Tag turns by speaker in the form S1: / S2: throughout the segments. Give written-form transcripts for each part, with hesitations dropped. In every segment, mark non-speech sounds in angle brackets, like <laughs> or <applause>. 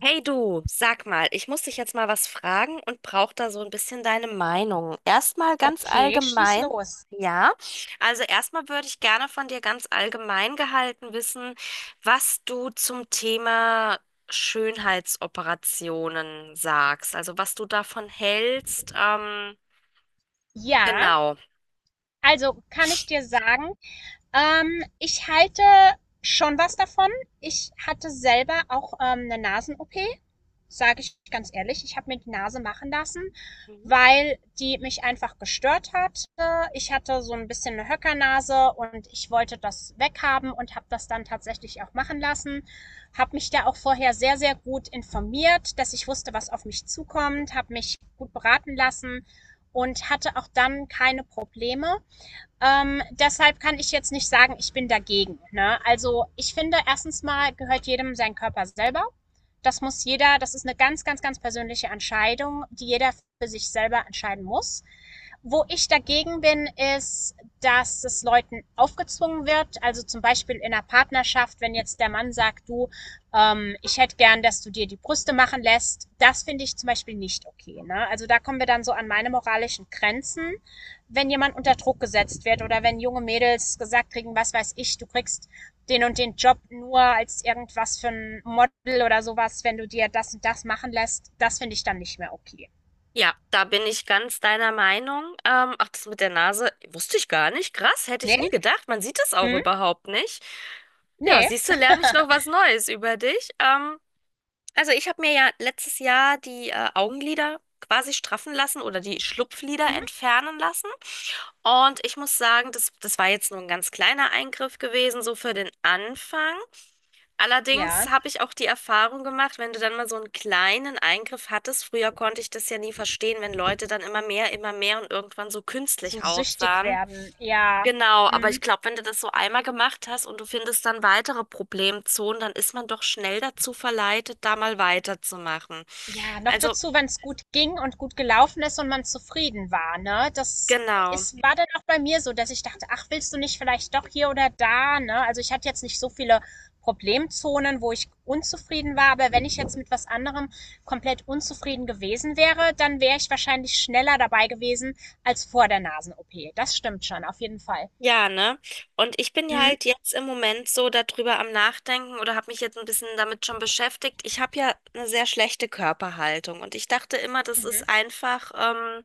S1: Hey du, sag mal, ich muss dich jetzt mal was fragen und brauche da so ein bisschen deine Meinung. Erstmal ganz
S2: Okay, schieß
S1: allgemein,
S2: los.
S1: ja. Also erstmal würde ich gerne von dir ganz allgemein gehalten wissen, was du zum Thema Schönheitsoperationen sagst. Also was du davon hältst.
S2: Ja,
S1: Genau.
S2: also kann ich dir sagen, ich halte schon was davon. Ich hatte selber auch eine Nasen-OP, sage ich ganz ehrlich, ich habe mir die Nase machen lassen, weil die mich einfach gestört hat. Ich hatte so ein bisschen eine Höckernase und ich wollte das weghaben und habe das dann tatsächlich auch machen lassen. Habe mich da auch vorher sehr, sehr gut informiert, dass ich wusste, was auf mich zukommt, habe mich gut beraten lassen und hatte auch dann keine Probleme. Deshalb kann ich jetzt nicht sagen, ich bin dagegen. Ne? Also ich finde, erstens mal gehört jedem sein Körper selber. Das muss jeder, das ist eine ganz, ganz, ganz persönliche Entscheidung, die jeder für sich selber entscheiden muss. Wo ich dagegen bin, ist, dass es Leuten aufgezwungen wird. Also zum Beispiel in einer Partnerschaft, wenn jetzt der Mann sagt, du, ich hätte gern, dass du dir die Brüste machen lässt. Das finde ich zum Beispiel nicht okay. Ne? Also da kommen wir dann so an meine moralischen Grenzen, wenn jemand unter Druck gesetzt wird oder wenn junge Mädels gesagt kriegen, was weiß ich, du kriegst den und den Job nur als irgendwas für ein Model oder sowas, wenn du dir das und das machen lässt, das finde ich dann nicht mehr okay.
S1: Ja, da bin ich ganz deiner Meinung. Ach, das mit der Nase wusste ich gar nicht. Krass, hätte ich nie
S2: Nee?
S1: gedacht. Man sieht es auch
S2: Hm?
S1: überhaupt nicht. Ja,
S2: Nee?
S1: siehst du, lerne ich noch was Neues über dich. Also ich habe mir ja letztes Jahr die Augenlider quasi straffen lassen oder die Schlupflider
S2: Mhm.
S1: entfernen lassen. Und ich muss sagen, das war jetzt nur ein ganz kleiner Eingriff gewesen, so für den Anfang. Allerdings
S2: Ja.
S1: habe ich auch die Erfahrung gemacht, wenn du dann mal so einen kleinen Eingriff hattest, früher konnte ich das ja nie verstehen, wenn Leute dann immer mehr und irgendwann so
S2: So
S1: künstlich
S2: süchtig
S1: aussahen.
S2: werden. Ja.
S1: Genau, aber ich
S2: Hm.
S1: glaube, wenn du das so einmal gemacht hast und du findest dann weitere Problemzonen, dann ist man doch schnell dazu verleitet, da mal weiterzumachen.
S2: Ja, noch
S1: Also,
S2: dazu, wenn es gut ging und gut gelaufen ist und man zufrieden war, ne? Das
S1: genau.
S2: ist war dann auch bei mir so, dass ich dachte: „Ach, willst du nicht vielleicht doch hier oder da“, ne? Also, ich hatte jetzt nicht so viele Problemzonen, wo ich unzufrieden war, aber wenn ich jetzt mit was anderem komplett unzufrieden gewesen wäre, dann wäre ich wahrscheinlich schneller dabei gewesen als vor der Nasen-OP. Das stimmt schon, auf jeden Fall.
S1: Ja, ne? Und ich bin ja
S2: Mhm,
S1: halt jetzt im Moment so darüber am Nachdenken oder habe mich jetzt ein bisschen damit schon beschäftigt. Ich habe ja eine sehr schlechte Körperhaltung und ich dachte immer, das
S2: mhm,
S1: ist einfach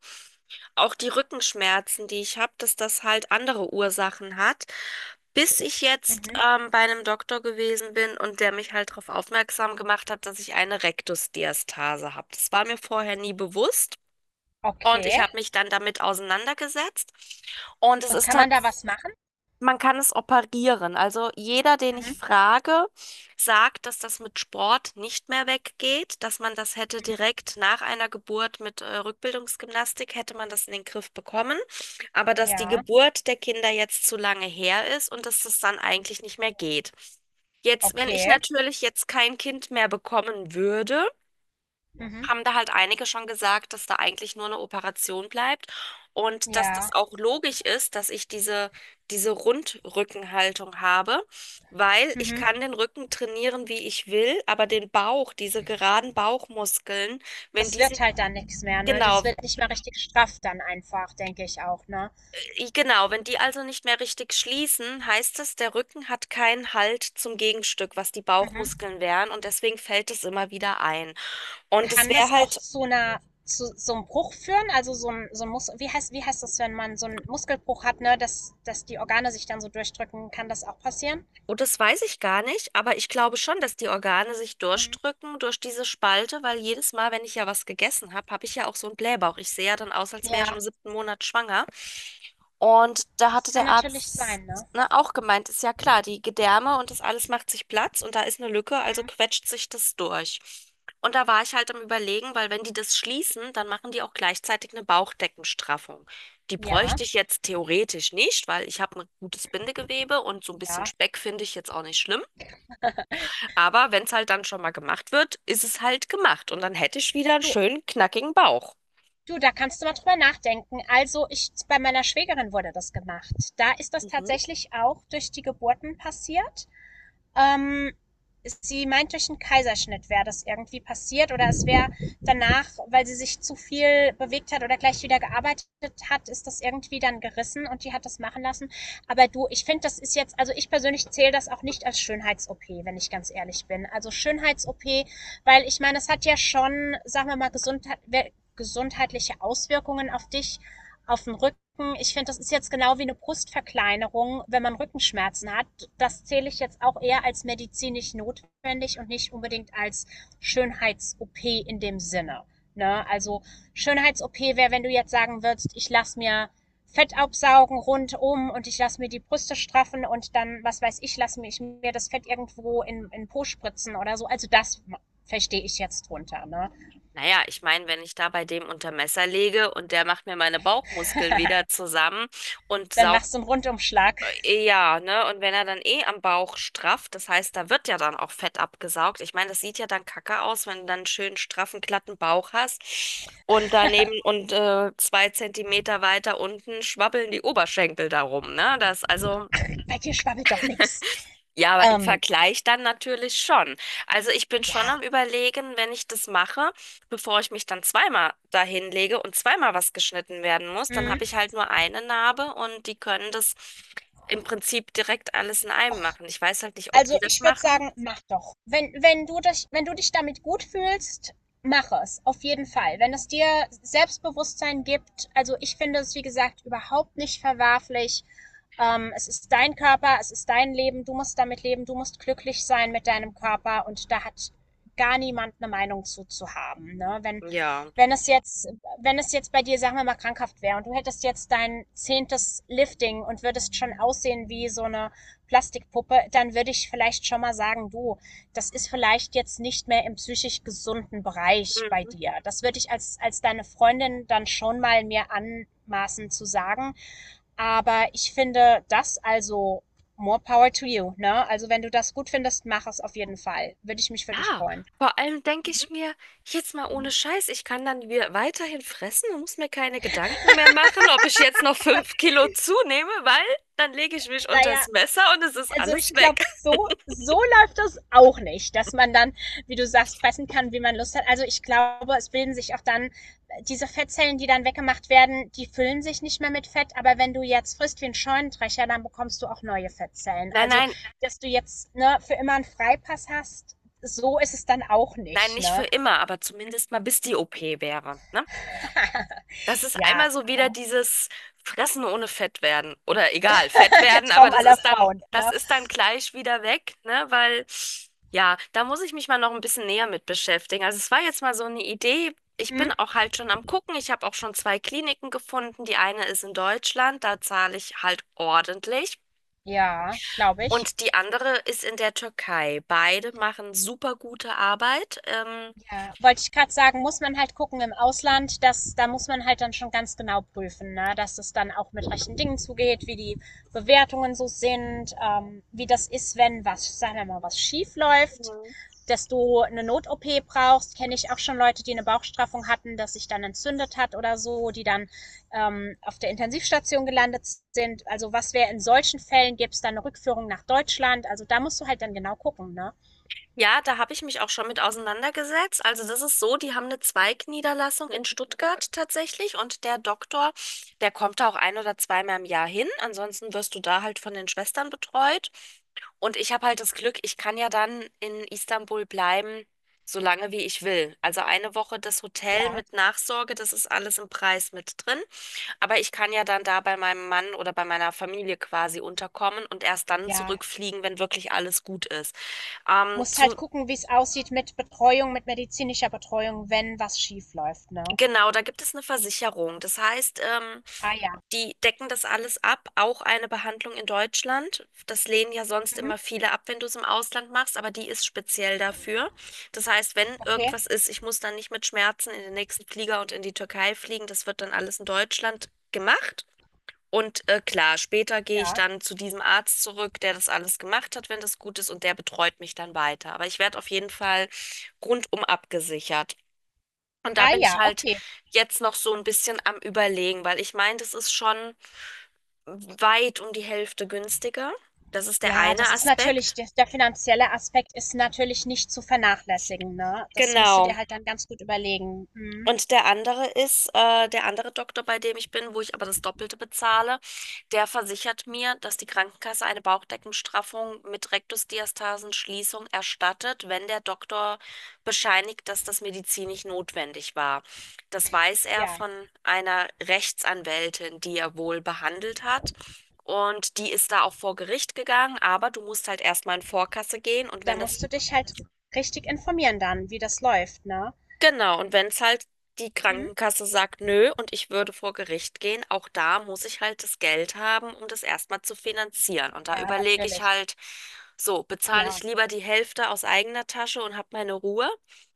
S1: auch die Rückenschmerzen, die ich habe, dass das halt andere Ursachen hat. Bis ich jetzt
S2: mhm.
S1: bei einem Doktor gewesen bin und der mich halt darauf aufmerksam gemacht hat, dass ich eine Rektusdiastase habe. Das war mir vorher nie bewusst. Und ich
S2: Okay.
S1: habe mich dann damit auseinandergesetzt. Und es
S2: Und
S1: ist
S2: kann man da
S1: tatsächlich
S2: was machen?
S1: man kann es operieren. Also jeder, den ich
S2: Mhm,
S1: frage, sagt, dass das mit Sport nicht mehr weggeht, dass man das hätte
S2: mhm.
S1: direkt nach einer Geburt mit Rückbildungsgymnastik, hätte man das in den Griff bekommen, aber dass die
S2: Ja,
S1: Geburt der Kinder jetzt zu lange her ist und dass das dann eigentlich nicht mehr geht. Jetzt, wenn ich
S2: okay.
S1: natürlich jetzt kein Kind mehr bekommen würde,
S2: Mhm.
S1: haben da halt einige schon gesagt, dass da eigentlich nur eine Operation bleibt und dass das
S2: Ja.
S1: auch logisch ist, dass ich diese Rundrückenhaltung habe, weil ich
S2: Mhm.
S1: kann den Rücken trainieren, wie ich will, aber den Bauch, diese geraden Bauchmuskeln, wenn
S2: Das
S1: die sich
S2: wird halt dann nichts mehr, ne? Das
S1: Genau,
S2: wird nicht mehr richtig straff dann einfach, denke ich auch, ne?
S1: genau. Wenn die also nicht mehr richtig schließen, heißt es, der Rücken hat keinen Halt zum Gegenstück, was die
S2: Mhm.
S1: Bauchmuskeln wären und deswegen fällt es immer wieder ein. Und es
S2: Kann
S1: wäre
S2: das auch
S1: halt
S2: zu so einem Bruch führen? Also, so ein Mus wie heißt das, wenn man so einen Muskelbruch hat, ne, dass die Organe sich dann so durchdrücken? Kann das auch passieren?
S1: Oh, das weiß ich gar nicht, aber ich glaube schon, dass die Organe sich
S2: Mhm.
S1: durchdrücken durch diese Spalte, weil jedes Mal, wenn ich ja was gegessen habe, habe ich ja auch so einen Blähbauch. Ich sehe ja dann aus, als wäre ich im
S2: Ja.
S1: siebten Monat schwanger. Und da
S2: Das
S1: hatte
S2: kann
S1: der
S2: natürlich
S1: Arzt,
S2: sein, ne?
S1: ne, auch gemeint, ist ja klar, die Gedärme und das alles macht sich Platz und da ist eine Lücke, also
S2: Mhm.
S1: quetscht sich das durch. Und da war ich halt am Überlegen, weil wenn die das schließen, dann machen die auch gleichzeitig eine Bauchdeckenstraffung. Die
S2: Ja,
S1: bräuchte ich jetzt theoretisch nicht, weil ich habe ein gutes Bindegewebe und so ein bisschen
S2: ja.
S1: Speck finde ich jetzt auch nicht schlimm. Aber wenn es halt dann schon mal gemacht wird, ist es halt gemacht und dann hätte ich wieder einen
S2: Du
S1: schönen, knackigen Bauch.
S2: du, da kannst du mal drüber nachdenken. Also, ich bei meiner Schwägerin wurde das gemacht. Da ist das
S1: Mhm.
S2: tatsächlich auch durch die Geburten passiert. Ähm, Sie meint, durch einen Kaiserschnitt wäre das irgendwie passiert oder es wäre danach, weil sie sich zu viel bewegt hat oder gleich wieder gearbeitet hat, ist das irgendwie dann gerissen und die hat das machen lassen. Aber du, ich finde, das ist jetzt, also ich persönlich zähle das auch nicht als Schönheits-OP, wenn ich ganz ehrlich bin. Also Schönheits-OP, weil ich meine, es hat ja schon, sagen wir mal, Gesundheit, gesundheitliche Auswirkungen auf dich, auf den Rücken. Ich finde, das ist jetzt genau wie eine Brustverkleinerung, wenn man Rückenschmerzen hat. Das zähle ich jetzt auch eher als medizinisch notwendig und nicht unbedingt als Schönheits-OP in dem Sinne. Ne? Also Schönheits-OP wäre, wenn du jetzt sagen würdest, ich lasse mir Fett absaugen rundum und ich lasse mir die Brüste straffen und dann, was weiß ich, lasse ich mir das Fett irgendwo in Po spritzen oder so. Also das verstehe ich jetzt drunter. Ne?
S1: Naja, ich meine, wenn ich da bei dem unter Messer lege und der macht mir meine Bauchmuskeln wieder zusammen und
S2: Dann
S1: saugt,
S2: machst du einen Rundumschlag.
S1: ja, ne? Und wenn er dann eh am Bauch strafft, das heißt, da wird ja dann auch Fett abgesaugt. Ich meine, das sieht ja dann kacke aus, wenn du dann einen schönen, straffen, glatten Bauch hast und daneben und 2 Zentimeter weiter unten schwabbeln die Oberschenkel darum, ne? Das, also.
S2: Bei dir schwabbelt doch nix.
S1: Ja, aber im
S2: Ähm,
S1: Vergleich dann natürlich schon. Also ich bin schon
S2: ja.
S1: am Überlegen, wenn ich das mache, bevor ich mich dann zweimal dahin lege und zweimal was geschnitten werden muss, dann
S2: Mhm.
S1: habe ich halt nur eine Narbe und die können das im Prinzip direkt alles in einem machen. Ich weiß halt nicht, ob
S2: Also,
S1: die das
S2: ich würde
S1: machen.
S2: sagen, mach doch. Wenn du dich damit gut fühlst, mach es. Auf jeden Fall. Wenn es dir Selbstbewusstsein gibt, also ich finde es, wie gesagt, überhaupt nicht verwerflich. Es ist dein Körper, es ist dein Leben, du musst damit leben, du musst glücklich sein mit deinem Körper und da hat gar niemand eine Meinung zu haben. Ne?
S1: Ja.
S2: Wenn es jetzt, wenn es jetzt bei dir, sagen wir mal, krankhaft wäre und du hättest jetzt dein zehntes Lifting und würdest schon aussehen wie so eine Plastikpuppe, dann würde ich vielleicht schon mal sagen, du, das ist vielleicht jetzt nicht mehr im psychisch gesunden Bereich bei
S1: Hm.
S2: dir. Das würde ich als deine Freundin dann schon mal mir anmaßen zu sagen. Aber ich finde das also more power to you, ne? Also wenn du das gut findest, mach es auf jeden Fall. Würde ich mich für dich
S1: Ja,
S2: freuen.
S1: vor allem denke
S2: Mhm.
S1: ich mir, jetzt mal ohne Scheiß, ich kann dann weiterhin fressen und muss mir keine Gedanken mehr machen, ob ich jetzt noch 5 Kilo zunehme, weil dann lege ich mich
S2: Naja,
S1: unters Messer und es ist
S2: also
S1: alles
S2: ich glaube,
S1: weg.
S2: so läuft das auch nicht, dass man dann, wie du sagst, fressen kann, wie man Lust hat. Also ich glaube, es bilden sich auch dann diese Fettzellen, die dann weggemacht werden, die füllen sich nicht mehr mit Fett. Aber wenn du jetzt frisst wie ein Scheunendrescher, dann bekommst du auch neue Fettzellen.
S1: Nein,
S2: Also,
S1: nein,
S2: dass du jetzt ne, für immer einen Freipass hast, so ist es dann auch
S1: nein,
S2: nicht.
S1: nicht für
S2: Ne?
S1: immer, aber zumindest mal bis die OP wäre, ne?
S2: <laughs>
S1: Das ist
S2: Ja,
S1: einmal so wieder
S2: aber.
S1: dieses Fressen ohne Fett werden oder egal, Fett
S2: <laughs> Der
S1: werden, aber
S2: Traum aller Frauen.
S1: das
S2: Ne?
S1: ist dann gleich wieder weg, ne? Weil, ja, da muss ich mich mal noch ein bisschen näher mit beschäftigen. Also es war jetzt mal so eine Idee. Ich
S2: Hm?
S1: bin auch halt schon am Gucken. Ich habe auch schon zwei Kliniken gefunden. Die eine ist in Deutschland, da zahle ich halt ordentlich.
S2: Ja, glaube ich.
S1: Und die andere ist in der Türkei. Beide machen super gute Arbeit.
S2: Ja, wollte ich gerade sagen, muss man halt gucken im Ausland, dass da muss man halt dann schon ganz genau prüfen, ne? Dass es dann auch mit rechten Dingen zugeht, wie die Bewertungen so sind, wie das ist, wenn was, sagen wir mal, was schief läuft, dass du eine Not-OP brauchst. Kenne ich auch schon Leute, die eine Bauchstraffung hatten, dass sich dann entzündet hat oder so, die dann auf der Intensivstation gelandet sind. Also was wäre in solchen Fällen, gäbe es dann eine Rückführung nach Deutschland? Also da musst du halt dann genau gucken, ne?
S1: Ja, da habe ich mich auch schon mit auseinandergesetzt. Also das ist so, die haben eine Zweigniederlassung in Stuttgart tatsächlich und der Doktor, der kommt da auch ein oder zweimal im Jahr hin. Ansonsten wirst du da halt von den Schwestern betreut. Und ich habe halt das Glück, ich kann ja dann in Istanbul bleiben, solange wie ich will. Also eine Woche das Hotel
S2: Ja,
S1: mit Nachsorge, das ist alles im Preis mit drin. Aber ich kann ja dann da bei meinem Mann oder bei meiner Familie quasi unterkommen und erst dann
S2: ja,
S1: zurückfliegen, wenn wirklich alles gut ist.
S2: musst halt
S1: Zu
S2: gucken, wie es aussieht mit Betreuung, mit medizinischer Betreuung, wenn was schief läuft, ne?
S1: Genau, da gibt es eine Versicherung. Das heißt,
S2: Ah ja.
S1: die decken das alles ab, auch eine Behandlung in Deutschland. Das lehnen ja sonst
S2: Mhm.
S1: immer viele ab, wenn du es im Ausland machst, aber die ist speziell dafür. Das heißt, wenn
S2: Okay.
S1: irgendwas ist, ich muss dann nicht mit Schmerzen in den nächsten Flieger und in die Türkei fliegen. Das wird dann alles in Deutschland gemacht. Und klar, später gehe ich
S2: Ja.
S1: dann zu diesem Arzt zurück, der das alles gemacht hat, wenn das gut ist, und der betreut mich dann weiter. Aber ich werde auf jeden Fall rundum abgesichert. Und da
S2: Ah
S1: bin ich
S2: ja,
S1: halt
S2: okay.
S1: jetzt noch so ein bisschen am Überlegen, weil ich meine, das ist schon weit um die Hälfte günstiger. Das ist der
S2: Ja,
S1: eine
S2: das ist natürlich,
S1: Aspekt.
S2: der finanzielle Aspekt ist natürlich nicht zu vernachlässigen, ne? Das musst du
S1: Genau.
S2: dir halt dann ganz gut überlegen. Mhm.
S1: Und der andere ist, der andere Doktor, bei dem ich bin, wo ich aber das Doppelte bezahle, der versichert mir, dass die Krankenkasse eine Bauchdeckenstraffung mit Rektusdiastasenschließung erstattet, wenn der Doktor bescheinigt, dass das medizinisch notwendig war. Das weiß er
S2: Ja,
S1: von einer Rechtsanwältin, die er wohl behandelt hat. Und die ist da auch vor Gericht gegangen, aber du musst halt erstmal in Vorkasse gehen und
S2: da
S1: wenn das
S2: musst du dich halt richtig informieren dann, wie das läuft, ne?
S1: Genau, und wenn es halt die
S2: Mhm.
S1: Krankenkasse sagt, nö, und ich würde vor Gericht gehen, auch da muss ich halt das Geld haben, um das erstmal zu finanzieren. Und da
S2: Ja,
S1: überlege ich
S2: natürlich.
S1: halt, so, bezahle
S2: Ja,
S1: ich lieber die Hälfte aus eigener Tasche und habe meine Ruhe,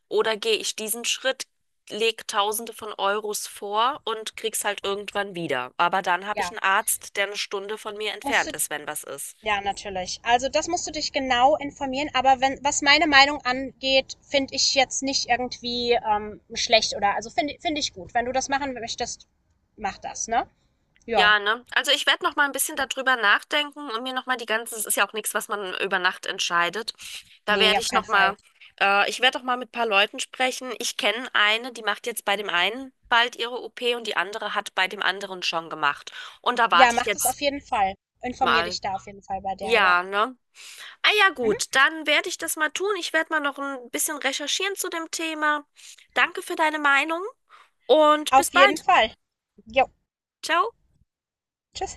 S1: oder gehe ich diesen Schritt, lege Tausende von Euros vor und krieg's halt irgendwann wieder. Aber dann habe ich
S2: ja.
S1: einen Arzt, der eine Stunde von mir
S2: Musst du
S1: entfernt ist, wenn was ist.
S2: Ja, natürlich. Also, das musst du dich genau informieren, aber wenn was meine Meinung angeht, finde ich jetzt nicht irgendwie, schlecht oder also finde ich gut. Wenn du das machen möchtest, mach das, ne? Ja.
S1: Ja, ne? Also ich werde noch mal ein bisschen
S2: Ja.
S1: darüber nachdenken und mir noch mal die ganze, es ist ja auch nichts, was man über Nacht entscheidet. Da
S2: Ne,
S1: werde
S2: auf
S1: ich
S2: keinen
S1: noch
S2: Fall.
S1: mal, ich werde doch mal mit ein paar Leuten sprechen. Ich kenne eine, die macht jetzt bei dem einen bald ihre OP und die andere hat bei dem anderen schon gemacht. Und da
S2: Ja,
S1: warte ich
S2: mach das
S1: jetzt
S2: auf jeden Fall. Informier
S1: mal.
S2: dich da auf jeden Fall bei der, ja.
S1: Ja, ne? Ah ja,
S2: Mhm.
S1: gut, dann werde ich das mal tun. Ich werde mal noch ein bisschen recherchieren zu dem Thema. Danke für deine Meinung und bis
S2: Auf jeden
S1: bald.
S2: Fall. Jo.
S1: Ciao.
S2: Tschüss.